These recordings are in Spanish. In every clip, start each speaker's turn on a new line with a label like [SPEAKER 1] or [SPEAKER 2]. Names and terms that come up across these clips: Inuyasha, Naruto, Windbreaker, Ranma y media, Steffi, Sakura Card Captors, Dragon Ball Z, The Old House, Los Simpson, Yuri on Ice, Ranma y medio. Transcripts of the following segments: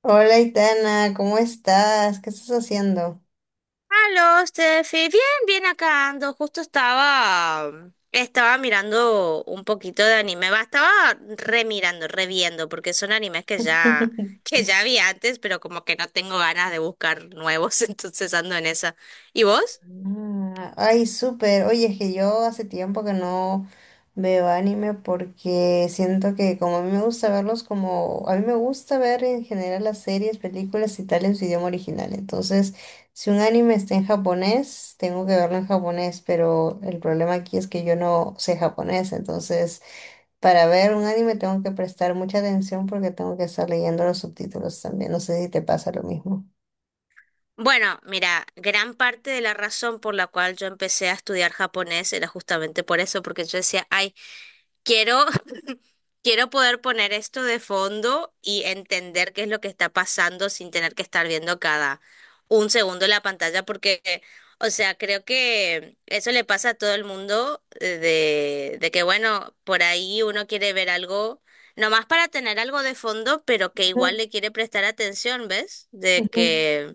[SPEAKER 1] Hola, Itana, ¿cómo estás? ¿Qué estás haciendo?
[SPEAKER 2] Aló, Steffi. Bien, bien acá ando. Estaba mirando un poquito de anime. Va, estaba remirando, reviendo, porque son que ya vi antes, pero como que no tengo ganas de buscar nuevos, entonces ando en esa. ¿Y vos?
[SPEAKER 1] Ay, súper. Oye, es que yo hace tiempo que no veo anime porque siento que como a mí me gusta verlos como... A mí me gusta ver en general las series, películas y tal en su idioma original. Entonces, si un anime está en japonés, tengo que verlo en japonés, pero el problema aquí es que yo no sé japonés, entonces... Para ver un anime tengo que prestar mucha atención porque tengo que estar leyendo los subtítulos también. No sé si te pasa lo mismo.
[SPEAKER 2] Bueno, mira, gran parte de la razón por la cual yo empecé a estudiar japonés era justamente por eso, porque yo decía, ay, Quiero, quiero poder poner esto de fondo y entender qué es lo que está pasando sin tener que estar viendo cada un segundo la pantalla, o sea, creo que eso le pasa a todo el mundo de que, bueno, por ahí uno quiere ver algo, nomás para tener algo de fondo, pero que
[SPEAKER 1] Ujú,
[SPEAKER 2] igual le quiere prestar atención, ¿ves? De
[SPEAKER 1] ujú,
[SPEAKER 2] que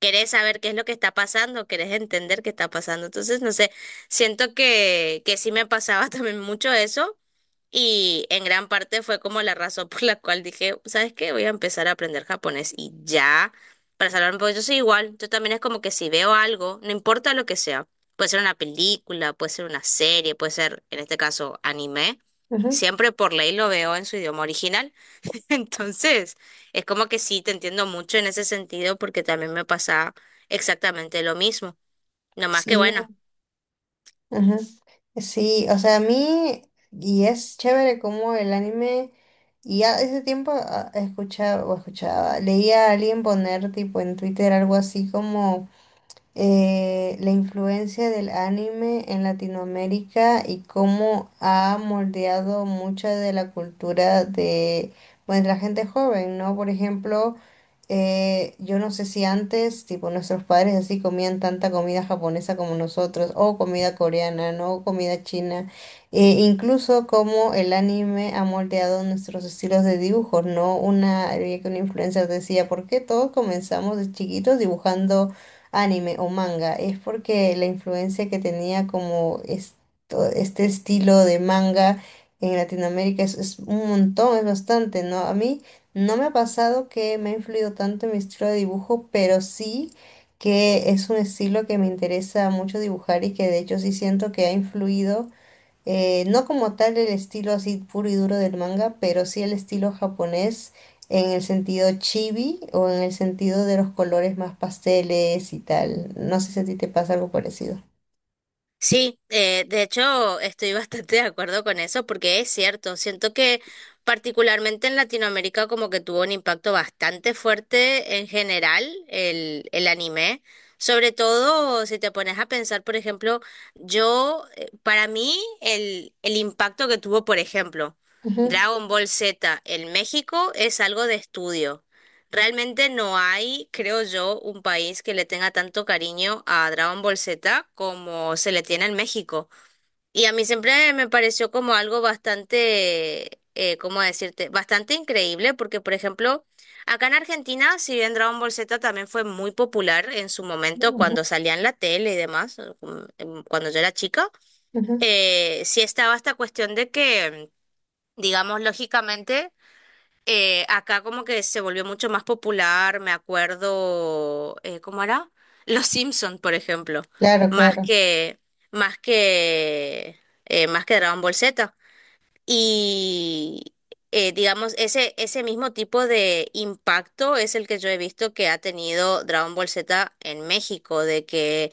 [SPEAKER 2] querés saber qué es lo que está pasando, querés entender qué está pasando. Entonces, no sé, siento que sí me pasaba también mucho eso. Y en gran parte fue como la razón por la cual dije, ¿sabes qué? Voy a empezar a aprender japonés y ya, para salvarme, porque yo soy igual, yo también es como que si veo algo, no importa lo que sea, puede ser una película, puede ser una serie, puede ser, en este caso, anime,
[SPEAKER 1] ujú.
[SPEAKER 2] siempre por ley lo veo en su idioma original. Entonces, es como que sí, te entiendo mucho en ese sentido porque también me pasa exactamente lo mismo. No más que
[SPEAKER 1] Sí,
[SPEAKER 2] bueno.
[SPEAKER 1] ujú. Sí, o sea, a mí, y es chévere como el anime, y ya ese tiempo escuchaba o escuchaba, leía a alguien poner tipo en Twitter algo así como la influencia del anime en Latinoamérica y cómo ha moldeado mucha de la cultura de, pues, la gente joven, ¿no? Por ejemplo, yo no sé si antes, tipo, nuestros padres así comían tanta comida japonesa como nosotros, o comida coreana, ¿no? O comida china, e incluso cómo el anime ha moldeado nuestros estilos de dibujo, ¿no? Una, había que una influencer decía, ¿por qué todos comenzamos de chiquitos dibujando anime o manga? Es porque la influencia que tenía como este estilo de manga en Latinoamérica es un montón, es bastante, ¿no? A mí no me ha pasado que me ha influido tanto en mi estilo de dibujo, pero sí que es un estilo que me interesa mucho dibujar y que de hecho sí siento que ha influido. No como tal el estilo así puro y duro del manga, pero sí el estilo japonés en el sentido chibi o en el sentido de los colores más pasteles y tal. No sé si a ti te pasa algo parecido.
[SPEAKER 2] Sí, de hecho estoy bastante de acuerdo con eso porque es cierto, siento que particularmente en Latinoamérica como que tuvo un impacto bastante fuerte en general el anime, sobre todo si te pones a pensar, por ejemplo, yo, para mí el impacto que tuvo, por ejemplo,
[SPEAKER 1] Ujú,
[SPEAKER 2] Dragon Ball Z en México es algo de estudio. Realmente no hay, creo yo, un país que le tenga tanto cariño a Dragon Ball Z como se le tiene en México. Y a mí siempre me pareció como algo bastante, ¿cómo decirte? Bastante increíble porque, por ejemplo, acá en Argentina, si bien Dragon Ball Z también fue muy popular en su momento cuando
[SPEAKER 1] ujú,
[SPEAKER 2] salía en la tele y demás, cuando yo era chica,
[SPEAKER 1] ujú.
[SPEAKER 2] sí estaba esta cuestión de que, digamos, lógicamente acá como que se volvió mucho más popular, me acuerdo, ¿cómo era? Los Simpson, por ejemplo,
[SPEAKER 1] Claro,
[SPEAKER 2] más
[SPEAKER 1] claro.
[SPEAKER 2] que, más que, más que Dragon Ball Z. Y digamos, ese mismo tipo de impacto es el que yo he visto que ha tenido Dragon Ball Z en México, de que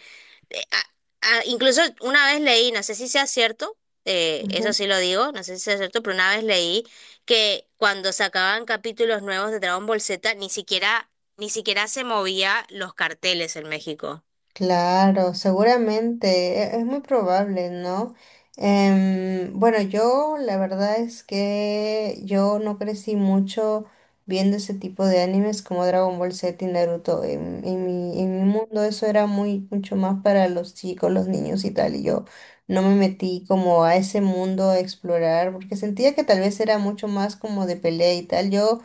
[SPEAKER 2] eh, a- incluso una vez leí, no sé si sea cierto, eso
[SPEAKER 1] Ujú.
[SPEAKER 2] sí lo digo, no sé si sea cierto, pero una vez leí que cuando sacaban capítulos nuevos de Dragon Ball Z, ni siquiera se movía los carteles en México.
[SPEAKER 1] Claro, seguramente, es muy probable, ¿no? Bueno, yo la verdad es que yo no crecí mucho viendo ese tipo de animes como Dragon Ball Z y Naruto. En mi mundo eso era muy mucho más para los chicos, los niños y tal, y yo no me metí como a ese mundo a explorar porque sentía que tal vez era mucho más como de pelea y tal. Yo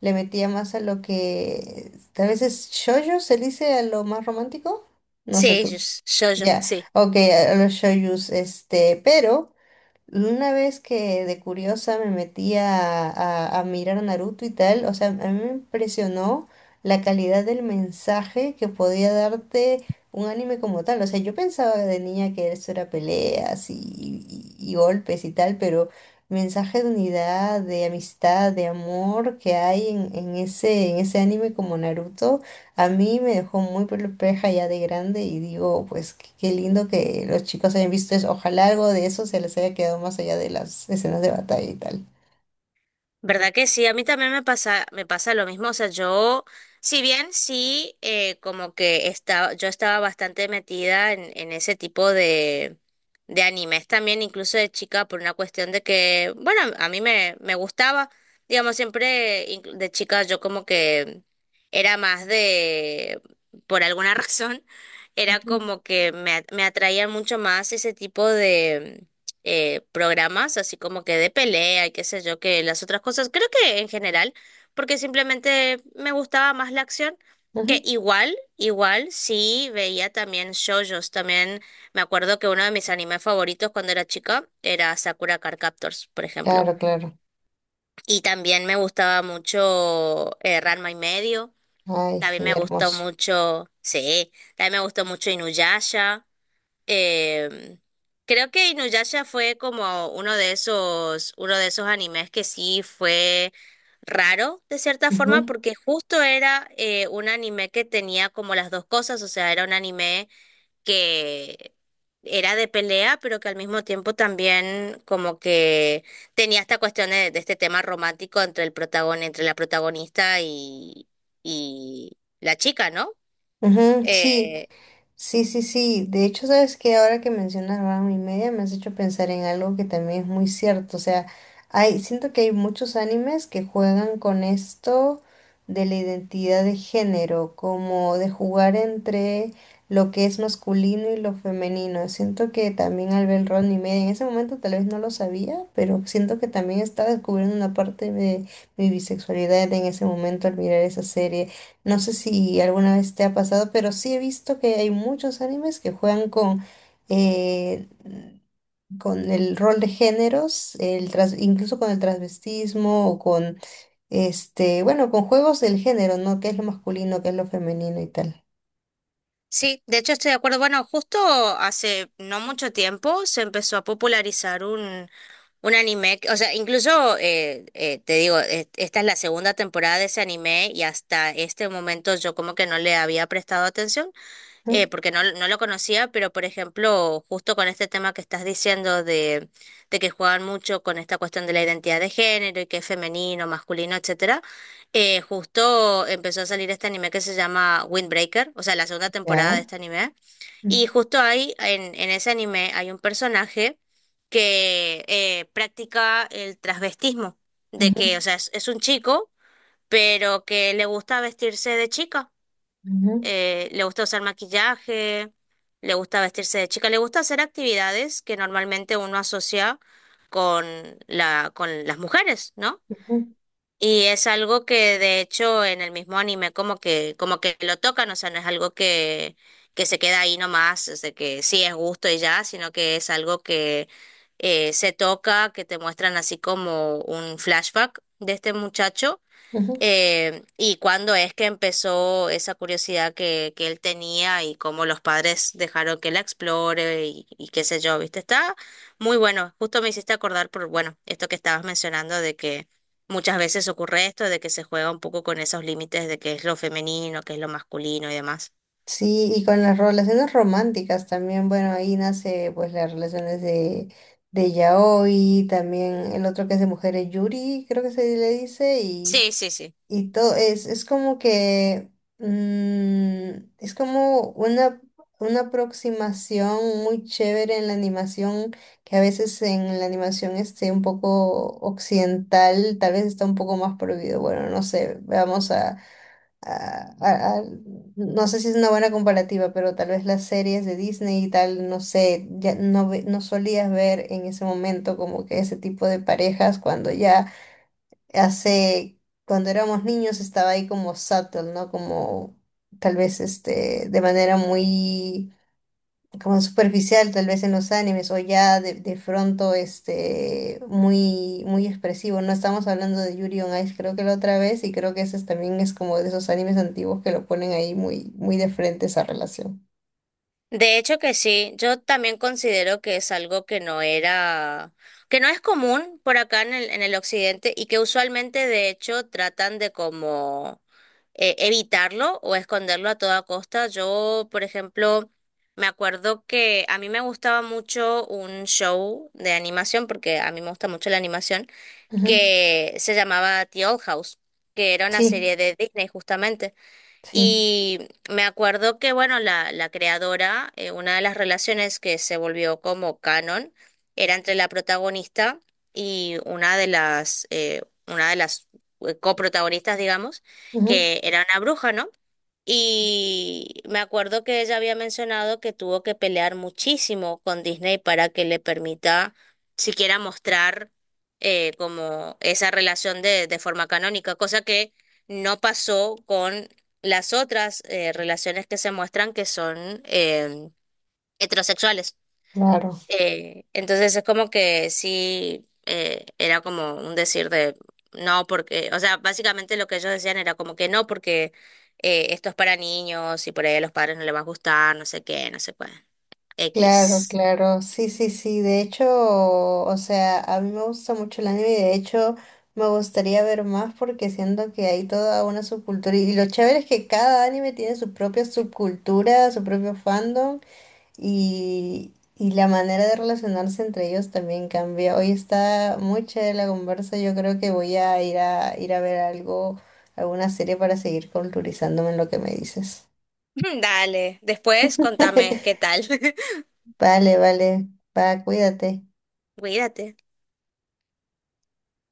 [SPEAKER 1] le metía más a lo que tal vez es shoujo, se dice a lo más romántico. No sé
[SPEAKER 2] Sí,
[SPEAKER 1] tú.
[SPEAKER 2] yo,
[SPEAKER 1] Ya,
[SPEAKER 2] sí.
[SPEAKER 1] ok, a los shoyus, este, pero una vez que de curiosa me metí a mirar Naruto y tal, o sea, a mí me impresionó la calidad del mensaje que podía darte un anime como tal. O sea, yo pensaba de niña que eso era peleas y golpes y tal, pero mensaje de unidad, de amistad, de amor que hay en ese anime como Naruto. A mí me dejó muy perpleja ya de grande y digo, pues qué lindo que los chicos hayan visto eso. Ojalá algo de eso se les haya quedado más allá de las escenas de batalla y tal.
[SPEAKER 2] ¿Verdad que sí? A mí también me pasa lo mismo. O sea, yo, si bien sí, yo estaba bastante metida en ese tipo de animes también, incluso de chica, por una cuestión de que, bueno, me gustaba, digamos, siempre de chica yo como que era más de, por alguna razón, era
[SPEAKER 1] Ujú,
[SPEAKER 2] como que me atraían mucho más ese tipo programas, así como que de pelea y qué sé yo, que las otras cosas. Creo que en general, porque simplemente me gustaba más la acción, que
[SPEAKER 1] ujú.
[SPEAKER 2] igual, igual sí veía también shoujos. También me acuerdo que uno de mis animes favoritos cuando era chica era Sakura Card Captors, por ejemplo.
[SPEAKER 1] Claro, claro.
[SPEAKER 2] Y también me gustaba mucho Ranma y medio.
[SPEAKER 1] Ay,
[SPEAKER 2] También
[SPEAKER 1] sí,
[SPEAKER 2] me gustó
[SPEAKER 1] hermoso.
[SPEAKER 2] mucho, sí, también me gustó mucho Inuyasha. Eh, creo que Inuyasha fue como uno de esos animes que sí fue raro de cierta forma,
[SPEAKER 1] Ujú,
[SPEAKER 2] porque justo era un anime que tenía como las dos cosas, o sea, era un anime que era de pelea, pero que al mismo tiempo también como que tenía esta cuestión de este tema romántico entre entre la protagonista y la chica, ¿no?
[SPEAKER 1] ujú, sí,
[SPEAKER 2] Eh,
[SPEAKER 1] sí, sí, sí. De hecho, sabes que ahora que mencionas Ranma y media, me has hecho pensar en algo que también es muy cierto. O sea, hay, siento que hay muchos animes que juegan con esto de la identidad de género, como de jugar entre lo que es masculino y lo femenino. Siento que también al ver Ranma y media, en ese momento tal vez no lo sabía, pero siento que también estaba descubriendo una parte de mi bisexualidad en ese momento al mirar esa serie. No sé si alguna vez te ha pasado, pero sí he visto que hay muchos animes que juegan eh, con el rol de géneros, el incluso con el transvestismo o con, este, bueno, con juegos del género, ¿no? ¿Qué es lo masculino, qué es lo femenino y tal?
[SPEAKER 2] sí, de hecho estoy de acuerdo. Bueno, justo hace no mucho tiempo se empezó a popularizar un anime, o sea, incluso te digo, esta es la segunda temporada de ese anime y hasta este momento yo como que no le había prestado atención
[SPEAKER 1] Ujú.
[SPEAKER 2] porque no, no lo conocía, pero por ejemplo, justo con este tema que estás diciendo de que juegan mucho con esta cuestión de la identidad de género y que es femenino, masculino, etcétera, justo empezó a salir este anime que se llama Windbreaker, o sea, la segunda temporada de
[SPEAKER 1] ¿Ya?
[SPEAKER 2] este anime,
[SPEAKER 1] Ujú,
[SPEAKER 2] y justo ahí, en ese anime, hay un personaje que practica el transvestismo, de
[SPEAKER 1] ujú,
[SPEAKER 2] que, o sea, es un chico, pero que le gusta vestirse de chica,
[SPEAKER 1] ujú,
[SPEAKER 2] le gusta usar maquillaje, le gusta vestirse de chica, le gusta hacer actividades que normalmente uno asocia con con las mujeres, ¿no?
[SPEAKER 1] ujú,
[SPEAKER 2] Y es algo que de hecho en el mismo anime como que lo tocan, o sea, no es algo que se queda ahí nomás, es de que sí es gusto y ya, sino que es algo que se toca, que te muestran así como un flashback de este muchacho,
[SPEAKER 1] ujú.
[SPEAKER 2] ¿y cuándo es que empezó esa curiosidad que él tenía y cómo los padres dejaron que la explore y qué sé yo, ¿viste? Está muy bueno. Justo me hiciste acordar por, bueno, esto que estabas mencionando de que muchas veces ocurre esto, de que se juega un poco con esos límites de qué es lo femenino, qué es lo masculino y demás.
[SPEAKER 1] Sí, y con las relaciones románticas también, bueno, ahí nace pues las relaciones de yaoi, también el otro que es de mujeres yuri, creo que se le dice,
[SPEAKER 2] Sí, sí, sí.
[SPEAKER 1] y todo, es como que, mm, es como una aproximación muy chévere en la animación, que a veces en la animación esté un poco occidental, tal vez está un poco más prohibido, bueno, no sé, vamos a a- a- a- no sé si es una buena comparativa, pero tal vez las series de Disney y tal, no sé, ya no, no solías ver en ese momento como que ese tipo de parejas cuando ya hace, cuando éramos niños estaba ahí como subtle, ¿no? Como tal vez este, de manera muy como superficial tal vez en los animes o ya de pronto este muy muy expresivo. No estamos hablando de Yuri on Ice, creo que la otra vez y creo que también es como de esos animes antiguos que lo ponen ahí muy muy de frente esa relación.
[SPEAKER 2] De hecho que sí, yo también considero que es algo que no era, que no es común por acá en el occidente y que usualmente de hecho tratan de como evitarlo o esconderlo a toda costa. Yo, por ejemplo, me acuerdo que a mí me gustaba mucho un show de animación, porque a mí me gusta mucho la animación,
[SPEAKER 1] Ujú.
[SPEAKER 2] que se llamaba The Old House, que era una
[SPEAKER 1] Sí,
[SPEAKER 2] serie de Disney justamente.
[SPEAKER 1] sí,
[SPEAKER 2] Y me acuerdo que, bueno, la creadora, una de las relaciones que se volvió como canon era entre la protagonista y una de las coprotagonistas, digamos,
[SPEAKER 1] ujú,
[SPEAKER 2] que era una bruja, ¿no? Y me acuerdo que ella había mencionado que tuvo que pelear muchísimo con Disney para que le permita siquiera mostrar como esa relación de forma canónica, cosa que no pasó con las otras relaciones que se muestran que son heterosexuales.
[SPEAKER 1] claro.
[SPEAKER 2] Entonces es como que sí, era como un decir de no, porque, o sea, básicamente lo que ellos decían era como que no, porque esto es para niños y por ahí a los padres no les va a gustar, no sé qué, no sé cuál.
[SPEAKER 1] Claro,
[SPEAKER 2] X.
[SPEAKER 1] claro, sí, sí, sí, de hecho, o sea, a mí me gusta mucho el anime y de hecho me gustaría ver más porque siento que hay toda una subcultura y lo chévere es que cada anime tiene su propia subcultura, su propio fandom y la manera de relacionarse entre ellos también cambia. Hoy está muy chévere la conversa, yo creo que voy a ir a ver algo, alguna serie para seguir culturizándome en lo que me dices.
[SPEAKER 2] Dale, después contame qué tal.
[SPEAKER 1] Vale, vale, va, cuídate.
[SPEAKER 2] Cuídate.